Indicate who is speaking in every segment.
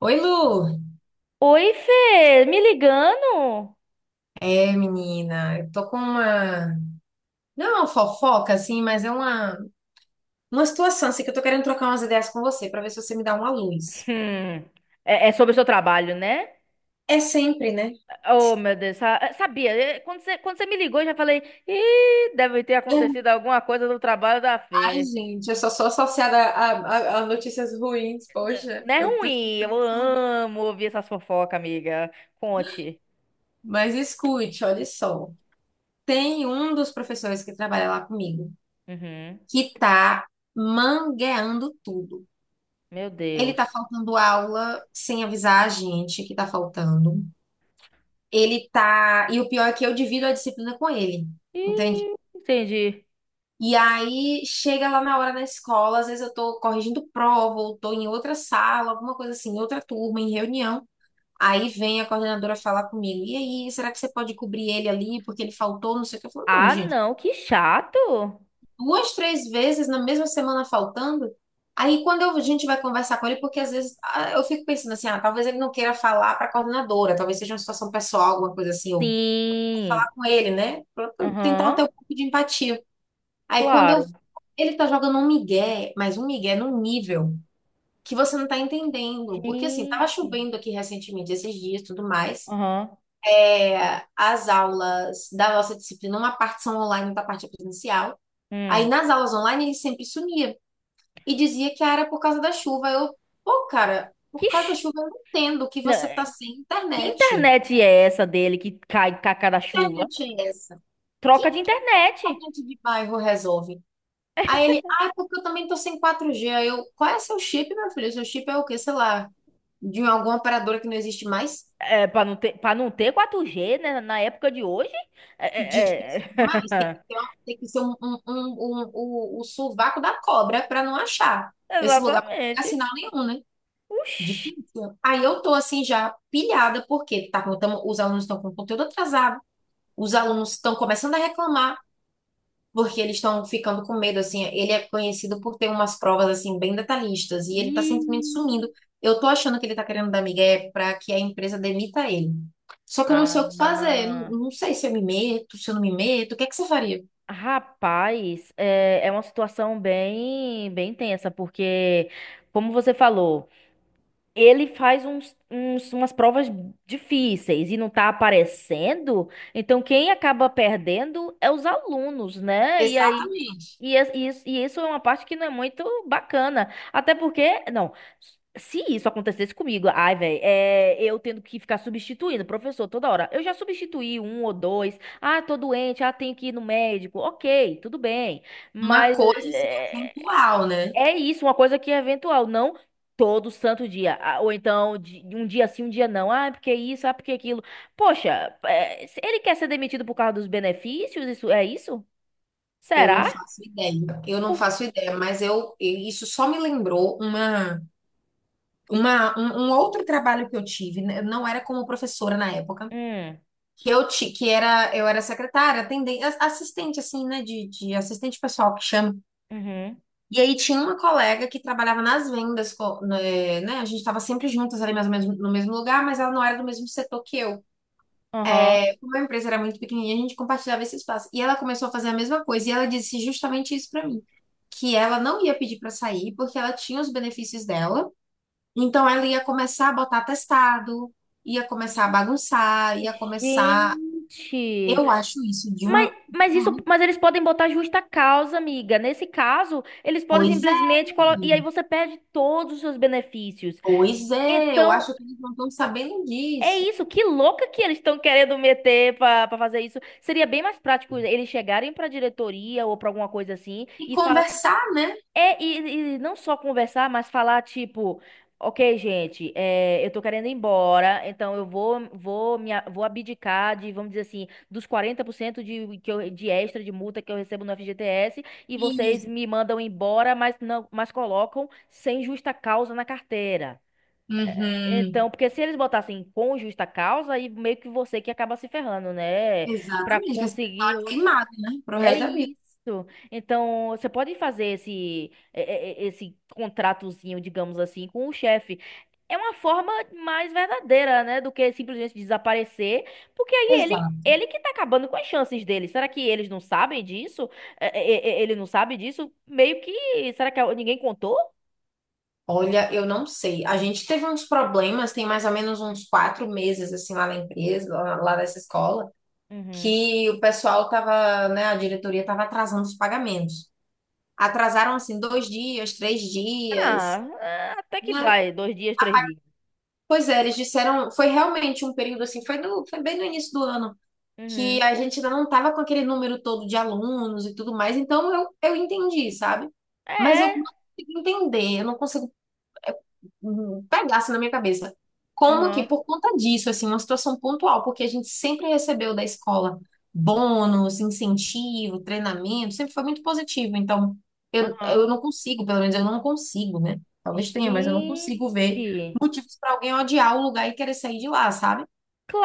Speaker 1: Oi, Lu.
Speaker 2: Oi, Fê, me ligando?
Speaker 1: Menina, eu tô com não é uma fofoca assim, mas é uma situação assim que eu tô querendo trocar umas ideias com você pra ver se você me dá uma luz.
Speaker 2: Hum, é sobre o seu trabalho, né?
Speaker 1: É sempre, né?
Speaker 2: Oh, meu Deus, sabia. Quando você me ligou, eu já falei, ih, deve ter acontecido alguma coisa no trabalho da
Speaker 1: Ai,
Speaker 2: Fê.
Speaker 1: gente, eu só sou associada a notícias ruins, poxa,
Speaker 2: Não é
Speaker 1: eu tô
Speaker 2: ruim, eu
Speaker 1: nesse lugar.
Speaker 2: amo ouvir essas fofocas, amiga. Conte.
Speaker 1: Mas escute, olha só. Tem um dos professores que trabalha lá comigo
Speaker 2: Uhum,
Speaker 1: que tá mangueando tudo.
Speaker 2: meu
Speaker 1: Ele tá
Speaker 2: Deus.
Speaker 1: faltando aula sem avisar a gente que tá faltando. Ele tá. E o pior é que eu divido a disciplina com ele, entende?
Speaker 2: Ih, entendi.
Speaker 1: E aí chega lá na hora na escola, às vezes eu tô corrigindo prova, ou tô em outra sala, alguma coisa assim, em outra turma, em reunião. Aí vem a coordenadora falar comigo, e aí, será que você pode cobrir ele ali, porque ele faltou, não sei o que. Eu falo, não,
Speaker 2: Ah,
Speaker 1: gente,
Speaker 2: não, que chato.
Speaker 1: duas, três vezes na mesma semana faltando. A gente vai conversar com ele, porque às vezes eu fico pensando assim, ah, talvez ele não queira falar para a coordenadora, talvez seja uma situação pessoal, alguma coisa assim, ou
Speaker 2: Sim.
Speaker 1: com ele, né? Pra tentar
Speaker 2: Aham,
Speaker 1: ter um pouco de empatia. Aí quando eu.
Speaker 2: claro.
Speaker 1: Ele tá jogando um migué, mas um migué num nível que você não tá entendendo. Porque assim, tava
Speaker 2: Gente.
Speaker 1: chovendo aqui recentemente, esses dias e tudo mais.
Speaker 2: Aham.
Speaker 1: As aulas da nossa disciplina, uma parte são online, outra parte é presencial. Aí
Speaker 2: Hum.
Speaker 1: nas aulas online ele sempre sumia e dizia que era por causa da chuva. Eu, pô, cara, por
Speaker 2: Que
Speaker 1: causa da chuva eu não entendo que
Speaker 2: Não,
Speaker 1: você tá
Speaker 2: é-
Speaker 1: sem
Speaker 2: Que
Speaker 1: internet.
Speaker 2: internet é essa dele que cai com a cada
Speaker 1: Que
Speaker 2: chuva?
Speaker 1: internet é essa? Que
Speaker 2: Troca de internet.
Speaker 1: internet de bairro resolve? Aí ele, ah, é porque eu também tô sem 4G. Aí eu, qual é seu chip, meu filho? Seu chip é o quê? Sei lá, de alguma operadora que não existe mais?
Speaker 2: É, para não ter 4G, né, na época de hoje? É,
Speaker 1: Difícil
Speaker 2: é,
Speaker 1: demais.
Speaker 2: é.
Speaker 1: Tem que ser o sovaco da cobra para não achar esse lugar pra não pegar
Speaker 2: Exatamente.
Speaker 1: sinal nenhum, né?
Speaker 2: Oxi.
Speaker 1: Difícil. Aí eu tô assim já pilhada, porque os alunos estão com conteúdo atrasado, os alunos estão começando a reclamar. Porque eles estão ficando com medo, assim, ele é conhecido por ter umas provas, assim, bem detalhistas, e ele tá
Speaker 2: Ih.
Speaker 1: simplesmente sumindo. Eu tô achando que ele tá querendo dar migué para que a empresa demita ele. Só que eu não
Speaker 2: Ah,
Speaker 1: sei o que fazer, não, não sei se eu me meto, se eu não me meto, o que é que você faria?
Speaker 2: rapaz, é uma situação bem, bem tensa, porque, como você falou. Ele faz umas provas difíceis e não tá aparecendo, então quem acaba perdendo é os alunos, né? E aí.
Speaker 1: Exatamente.
Speaker 2: E isso é uma parte que não é muito bacana. Até porque, não, se isso acontecesse comigo, ai, velho, eu tendo que ficar substituindo o professor toda hora. Eu já substituí um ou dois. Ah, tô doente, ah, tenho que ir no médico. Ok, tudo bem.
Speaker 1: Uma
Speaker 2: Mas
Speaker 1: coisa, assim,
Speaker 2: é,
Speaker 1: atemporal, né?
Speaker 2: é isso, uma coisa que é eventual, não todo santo dia. Ah, ou então, um dia sim, um dia não. Ah, porque isso, ah, porque aquilo. Poxa, se ele quer ser demitido por causa dos benefícios? Isso é isso?
Speaker 1: Eu não
Speaker 2: Será?
Speaker 1: faço ideia, eu não
Speaker 2: Por-
Speaker 1: faço ideia, mas isso só me lembrou um outro trabalho que eu tive, né? Eu não era como professora na época,
Speaker 2: Hum,
Speaker 1: que eu ti- que era eu era secretária, atendente, assistente assim, né, de assistente pessoal que chama.
Speaker 2: uhum,
Speaker 1: E aí tinha uma colega que trabalhava nas vendas, né, né, a gente estava sempre juntas ali mais ou menos no mesmo lugar, mas ela não era do mesmo setor que eu.
Speaker 2: aham.
Speaker 1: Como a empresa era muito pequenininha, a gente compartilhava esse espaço. E ela começou a fazer a mesma coisa e ela disse justamente isso para mim, que ela não ia pedir para sair porque ela tinha os benefícios dela. Então ela ia começar a botar atestado, ia começar a bagunçar, ia começar,
Speaker 2: Gente,
Speaker 1: eu acho isso de
Speaker 2: mas isso,
Speaker 1: um
Speaker 2: mas eles podem botar justa causa, amiga. Nesse caso, eles podem
Speaker 1: Pois é,
Speaker 2: simplesmente colocar, e aí você perde todos os seus benefícios.
Speaker 1: eu
Speaker 2: Então,
Speaker 1: acho que eles não estão sabendo
Speaker 2: é
Speaker 1: disso.
Speaker 2: isso, que louca que eles estão querendo meter pra fazer isso. Seria bem mais prático eles chegarem pra diretoria ou pra alguma coisa assim
Speaker 1: E
Speaker 2: e falar.
Speaker 1: conversar, né?
Speaker 2: É, e não só conversar, mas falar tipo: ok, gente, eu tô querendo ir embora, então eu vou abdicar de, vamos dizer assim, dos 40% de extra de multa que eu recebo no FGTS e vocês
Speaker 1: E,
Speaker 2: me mandam embora, mas, não, mas colocam sem justa causa na carteira.
Speaker 1: uhum.
Speaker 2: Então, porque se eles botassem com justa causa, aí meio que você que acaba se ferrando, né? Pra
Speaker 1: Exatamente, que assim,
Speaker 2: conseguir.
Speaker 1: tá queimado, né? Pro
Speaker 2: É
Speaker 1: resto da vida.
Speaker 2: isso. Então, você pode fazer esse, é, é, é, esse contratozinho, digamos assim, com o chefe. É uma forma mais verdadeira, né? Do que simplesmente desaparecer. Porque aí ele.
Speaker 1: Exato.
Speaker 2: Ele que tá acabando com as chances dele. Será que eles não sabem disso? Ele não sabe disso? Meio que. Será que ninguém contou?
Speaker 1: Olha, eu não sei. A gente teve uns problemas, tem mais ou menos uns quatro meses, assim, lá na empresa, lá, lá nessa escola,
Speaker 2: Uhum.
Speaker 1: que o pessoal tava, né, a diretoria tava atrasando os pagamentos. Atrasaram, assim, dois dias, três dias,
Speaker 2: Ah, até que
Speaker 1: né?
Speaker 2: vai. Dois dias, três dias.
Speaker 1: Pois é, eles disseram, foi realmente um período assim, foi bem no início do ano, que
Speaker 2: Uhum.
Speaker 1: a gente ainda não estava com aquele número todo de alunos e tudo mais, então eu entendi, sabe? Mas eu não
Speaker 2: É.
Speaker 1: consigo entender, eu não consigo pegasse na minha cabeça. Como que,
Speaker 2: Aham.
Speaker 1: por conta disso, assim, uma situação pontual, porque a gente sempre recebeu da escola bônus, incentivo, treinamento, sempre foi muito positivo. Então,
Speaker 2: Aham.
Speaker 1: eu não consigo, pelo menos eu não consigo, né? Talvez tenha, mas eu não consigo ver
Speaker 2: Gente,
Speaker 1: motivos para alguém odiar o lugar e querer sair de lá, sabe?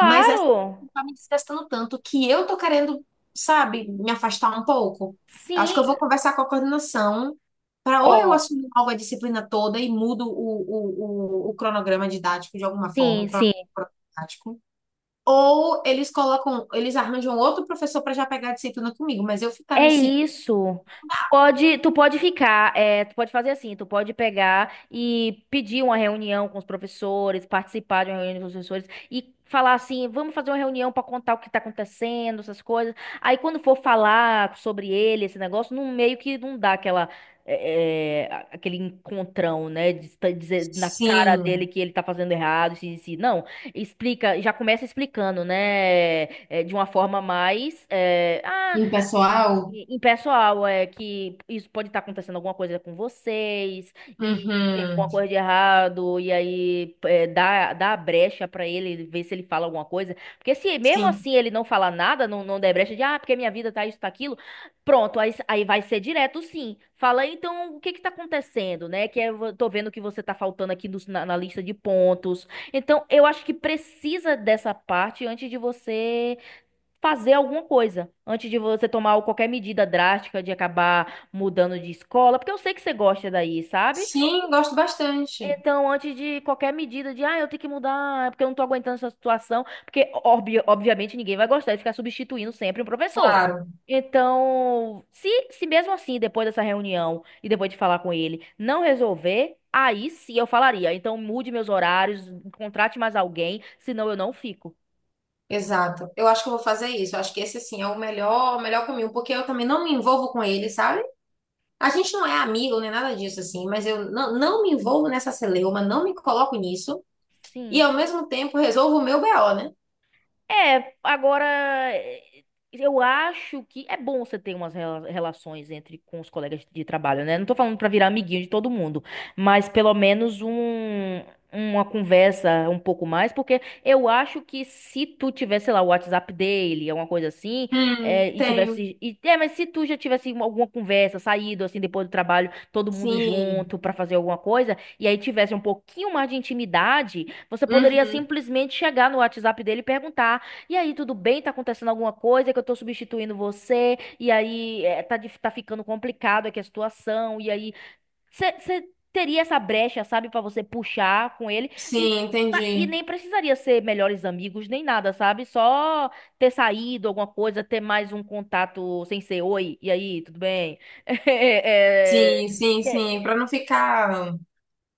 Speaker 1: Mas essa coisa tá me desgastando tanto que eu tô querendo, sabe, me afastar um pouco. Acho que eu vou
Speaker 2: Sim.
Speaker 1: conversar com a coordenação para ou eu
Speaker 2: Ó.
Speaker 1: assumo logo a disciplina toda e mudo o cronograma didático de alguma forma, o
Speaker 2: Sim, sim,
Speaker 1: cronograma didático. Ou eles colocam, eles arranjam outro professor para já pegar a disciplina comigo, mas eu ficar
Speaker 2: é
Speaker 1: nesse
Speaker 2: isso. Tu pode ficar, tu pode fazer assim, tu pode pegar e pedir uma reunião com os professores, participar de uma reunião com os professores e falar assim, vamos fazer uma reunião para contar o que está acontecendo, essas coisas. Aí quando for falar sobre ele, esse negócio, não meio que não dá aquela aquele encontrão, né, de dizer na cara
Speaker 1: sim,
Speaker 2: dele que ele tá fazendo errado, assim, assim. Não, explica, já começa explicando, né, de uma forma mais,
Speaker 1: impessoal,
Speaker 2: pessoal, é que isso pode estar acontecendo alguma coisa com vocês, e se tem
Speaker 1: uhum,
Speaker 2: alguma coisa de errado, e aí dá a brecha pra ele, ver se ele fala alguma coisa. Porque se mesmo
Speaker 1: sim,
Speaker 2: assim ele não falar nada, não der brecha de, ah, porque minha vida tá isso, tá aquilo, pronto, aí vai ser direto sim. Fala, então, o que que tá acontecendo, né? Que eu tô vendo que você tá faltando aqui na lista de pontos. Então, eu acho que precisa dessa parte antes de você fazer alguma coisa antes de você tomar qualquer medida drástica de acabar mudando de escola, porque eu sei que você gosta daí, sabe?
Speaker 1: sim, gosto bastante,
Speaker 2: Então, antes de qualquer medida de, eu tenho que mudar, é porque eu não tô aguentando essa situação, porque obviamente ninguém vai gostar de ficar substituindo sempre um professor.
Speaker 1: claro.
Speaker 2: Então, se mesmo assim, depois dessa reunião e depois de falar com ele, não resolver, aí sim eu falaria. Então, mude meus horários, contrate mais alguém, senão eu não fico.
Speaker 1: Exato. Eu acho que eu vou fazer isso. Eu acho que esse, assim, é o melhor caminho, porque eu também não me envolvo com ele, sabe? A gente não é amigo nem nada disso, assim, mas eu não, não me envolvo nessa celeuma, não me coloco nisso, e
Speaker 2: Sim.
Speaker 1: ao mesmo tempo resolvo o meu BO, né?
Speaker 2: É, agora eh, eu acho que é bom você ter umas relações entre com os colegas de trabalho, né? Não tô falando pra virar amiguinho de todo mundo, mas pelo menos uma conversa um pouco mais, porque eu acho que se tu tivesse, sei lá, o WhatsApp dele, alguma coisa assim,
Speaker 1: Tenho.
Speaker 2: mas se tu já tivesse alguma conversa, saído assim depois do trabalho, todo mundo
Speaker 1: Sim.
Speaker 2: junto pra fazer alguma coisa, e aí tivesse um pouquinho mais de intimidade, você poderia
Speaker 1: Uhum.
Speaker 2: simplesmente chegar no WhatsApp dele e perguntar e aí, tudo bem? Tá acontecendo alguma coisa que eu tô substituindo você? E aí, tá ficando complicado aqui a situação. E aí, você teria essa brecha, sabe, pra você puxar com ele. E,
Speaker 1: Sim,
Speaker 2: e
Speaker 1: entendi.
Speaker 2: nem precisaria ser melhores amigos, nem nada, sabe? Só ter saído alguma coisa, ter mais um contato sem ser oi. E aí, tudo bem?
Speaker 1: Sim, sim,
Speaker 2: É, é,
Speaker 1: sim. Pra não ficar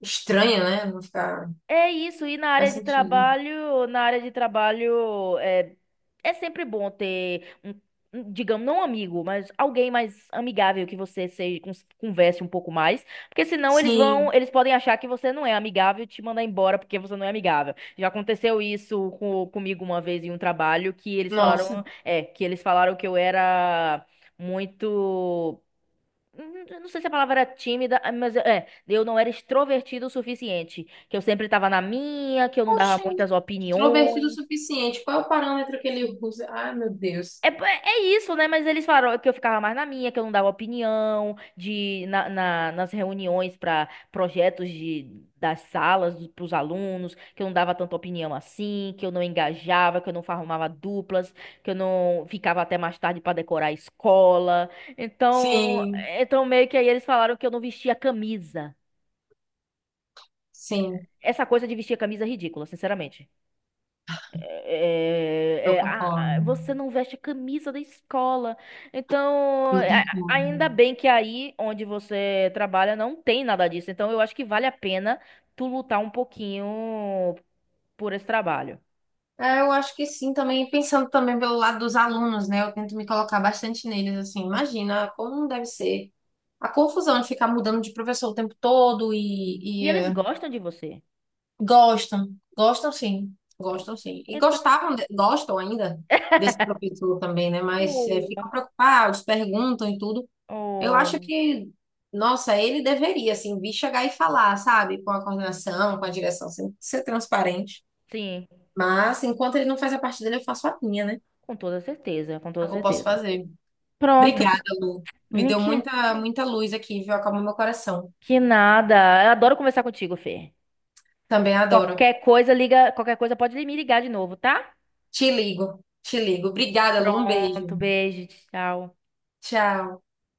Speaker 1: estranho, né? Não ficar.
Speaker 2: É isso, e na área
Speaker 1: Faz
Speaker 2: de
Speaker 1: sentido.
Speaker 2: trabalho, na área de trabalho é é sempre bom ter um, digamos, não um amigo, mas alguém mais amigável que você seja, converse um pouco mais, porque senão
Speaker 1: Sim.
Speaker 2: eles podem achar que você não é amigável e te mandar embora porque você não é amigável. Já aconteceu isso comigo uma vez em um trabalho que eles
Speaker 1: Nossa.
Speaker 2: falaram, é, que eles falaram que eu era muito. Eu não sei se a palavra era tímida, ah, mas eu não era extrovertido o suficiente. Que eu sempre tava na minha, que eu não dava
Speaker 1: Poxa,
Speaker 2: muitas
Speaker 1: extrovertido o
Speaker 2: opiniões.
Speaker 1: suficiente. Qual é o parâmetro que ele usa? Ai, meu Deus.
Speaker 2: É, é é isso, né? Mas eles falaram que eu ficava mais na minha, que eu não dava opinião, nas reuniões para projetos de, das salas para os alunos, que eu não dava tanta opinião assim, que eu não engajava, que eu não formava duplas, que eu não ficava até mais tarde para decorar a escola. Então,
Speaker 1: Sim,
Speaker 2: então meio que aí eles falaram que eu não vestia camisa.
Speaker 1: sim,
Speaker 2: Essa coisa de vestir a camisa é ridícula, sinceramente.
Speaker 1: eu concordo.
Speaker 2: Você não veste a camisa da escola. Então,
Speaker 1: Eu concordo.
Speaker 2: ainda bem que aí onde você trabalha não tem nada disso. Então, eu acho que vale a pena tu lutar um pouquinho por esse trabalho.
Speaker 1: É, eu acho que sim, também pensando também pelo lado dos alunos, né? Eu tento me colocar bastante neles, assim, imagina como deve ser a confusão de ficar mudando de professor o tempo todo
Speaker 2: E eles gostam de você.
Speaker 1: gostam, gostam sim, gostam sim.
Speaker 2: Então,
Speaker 1: Gostam ainda desse professor também, né? Mas ficam
Speaker 2: oh,
Speaker 1: preocupados, perguntam e tudo. Eu acho
Speaker 2: oh,
Speaker 1: que, nossa, ele deveria, assim, vir chegar e falar, sabe? Com a coordenação, com a direção, assim, ser transparente.
Speaker 2: sim,
Speaker 1: Mas, enquanto ele não faz a parte dele, eu faço a minha, né?
Speaker 2: com toda certeza, com
Speaker 1: É
Speaker 2: toda
Speaker 1: o que eu posso
Speaker 2: certeza.
Speaker 1: fazer.
Speaker 2: Pronto.
Speaker 1: Obrigada, Lu. Me
Speaker 2: Hum,
Speaker 1: deu
Speaker 2: Que,
Speaker 1: muita, muita luz aqui, viu? Acalmou meu coração.
Speaker 2: que nada. Eu adoro conversar contigo, Fê.
Speaker 1: Também adoro.
Speaker 2: Qualquer coisa, liga, qualquer coisa pode me ligar de novo, tá?
Speaker 1: Te ligo, te ligo. Obrigada, Lu. Um beijo.
Speaker 2: Pronto, beijo, tchau.
Speaker 1: Tchau.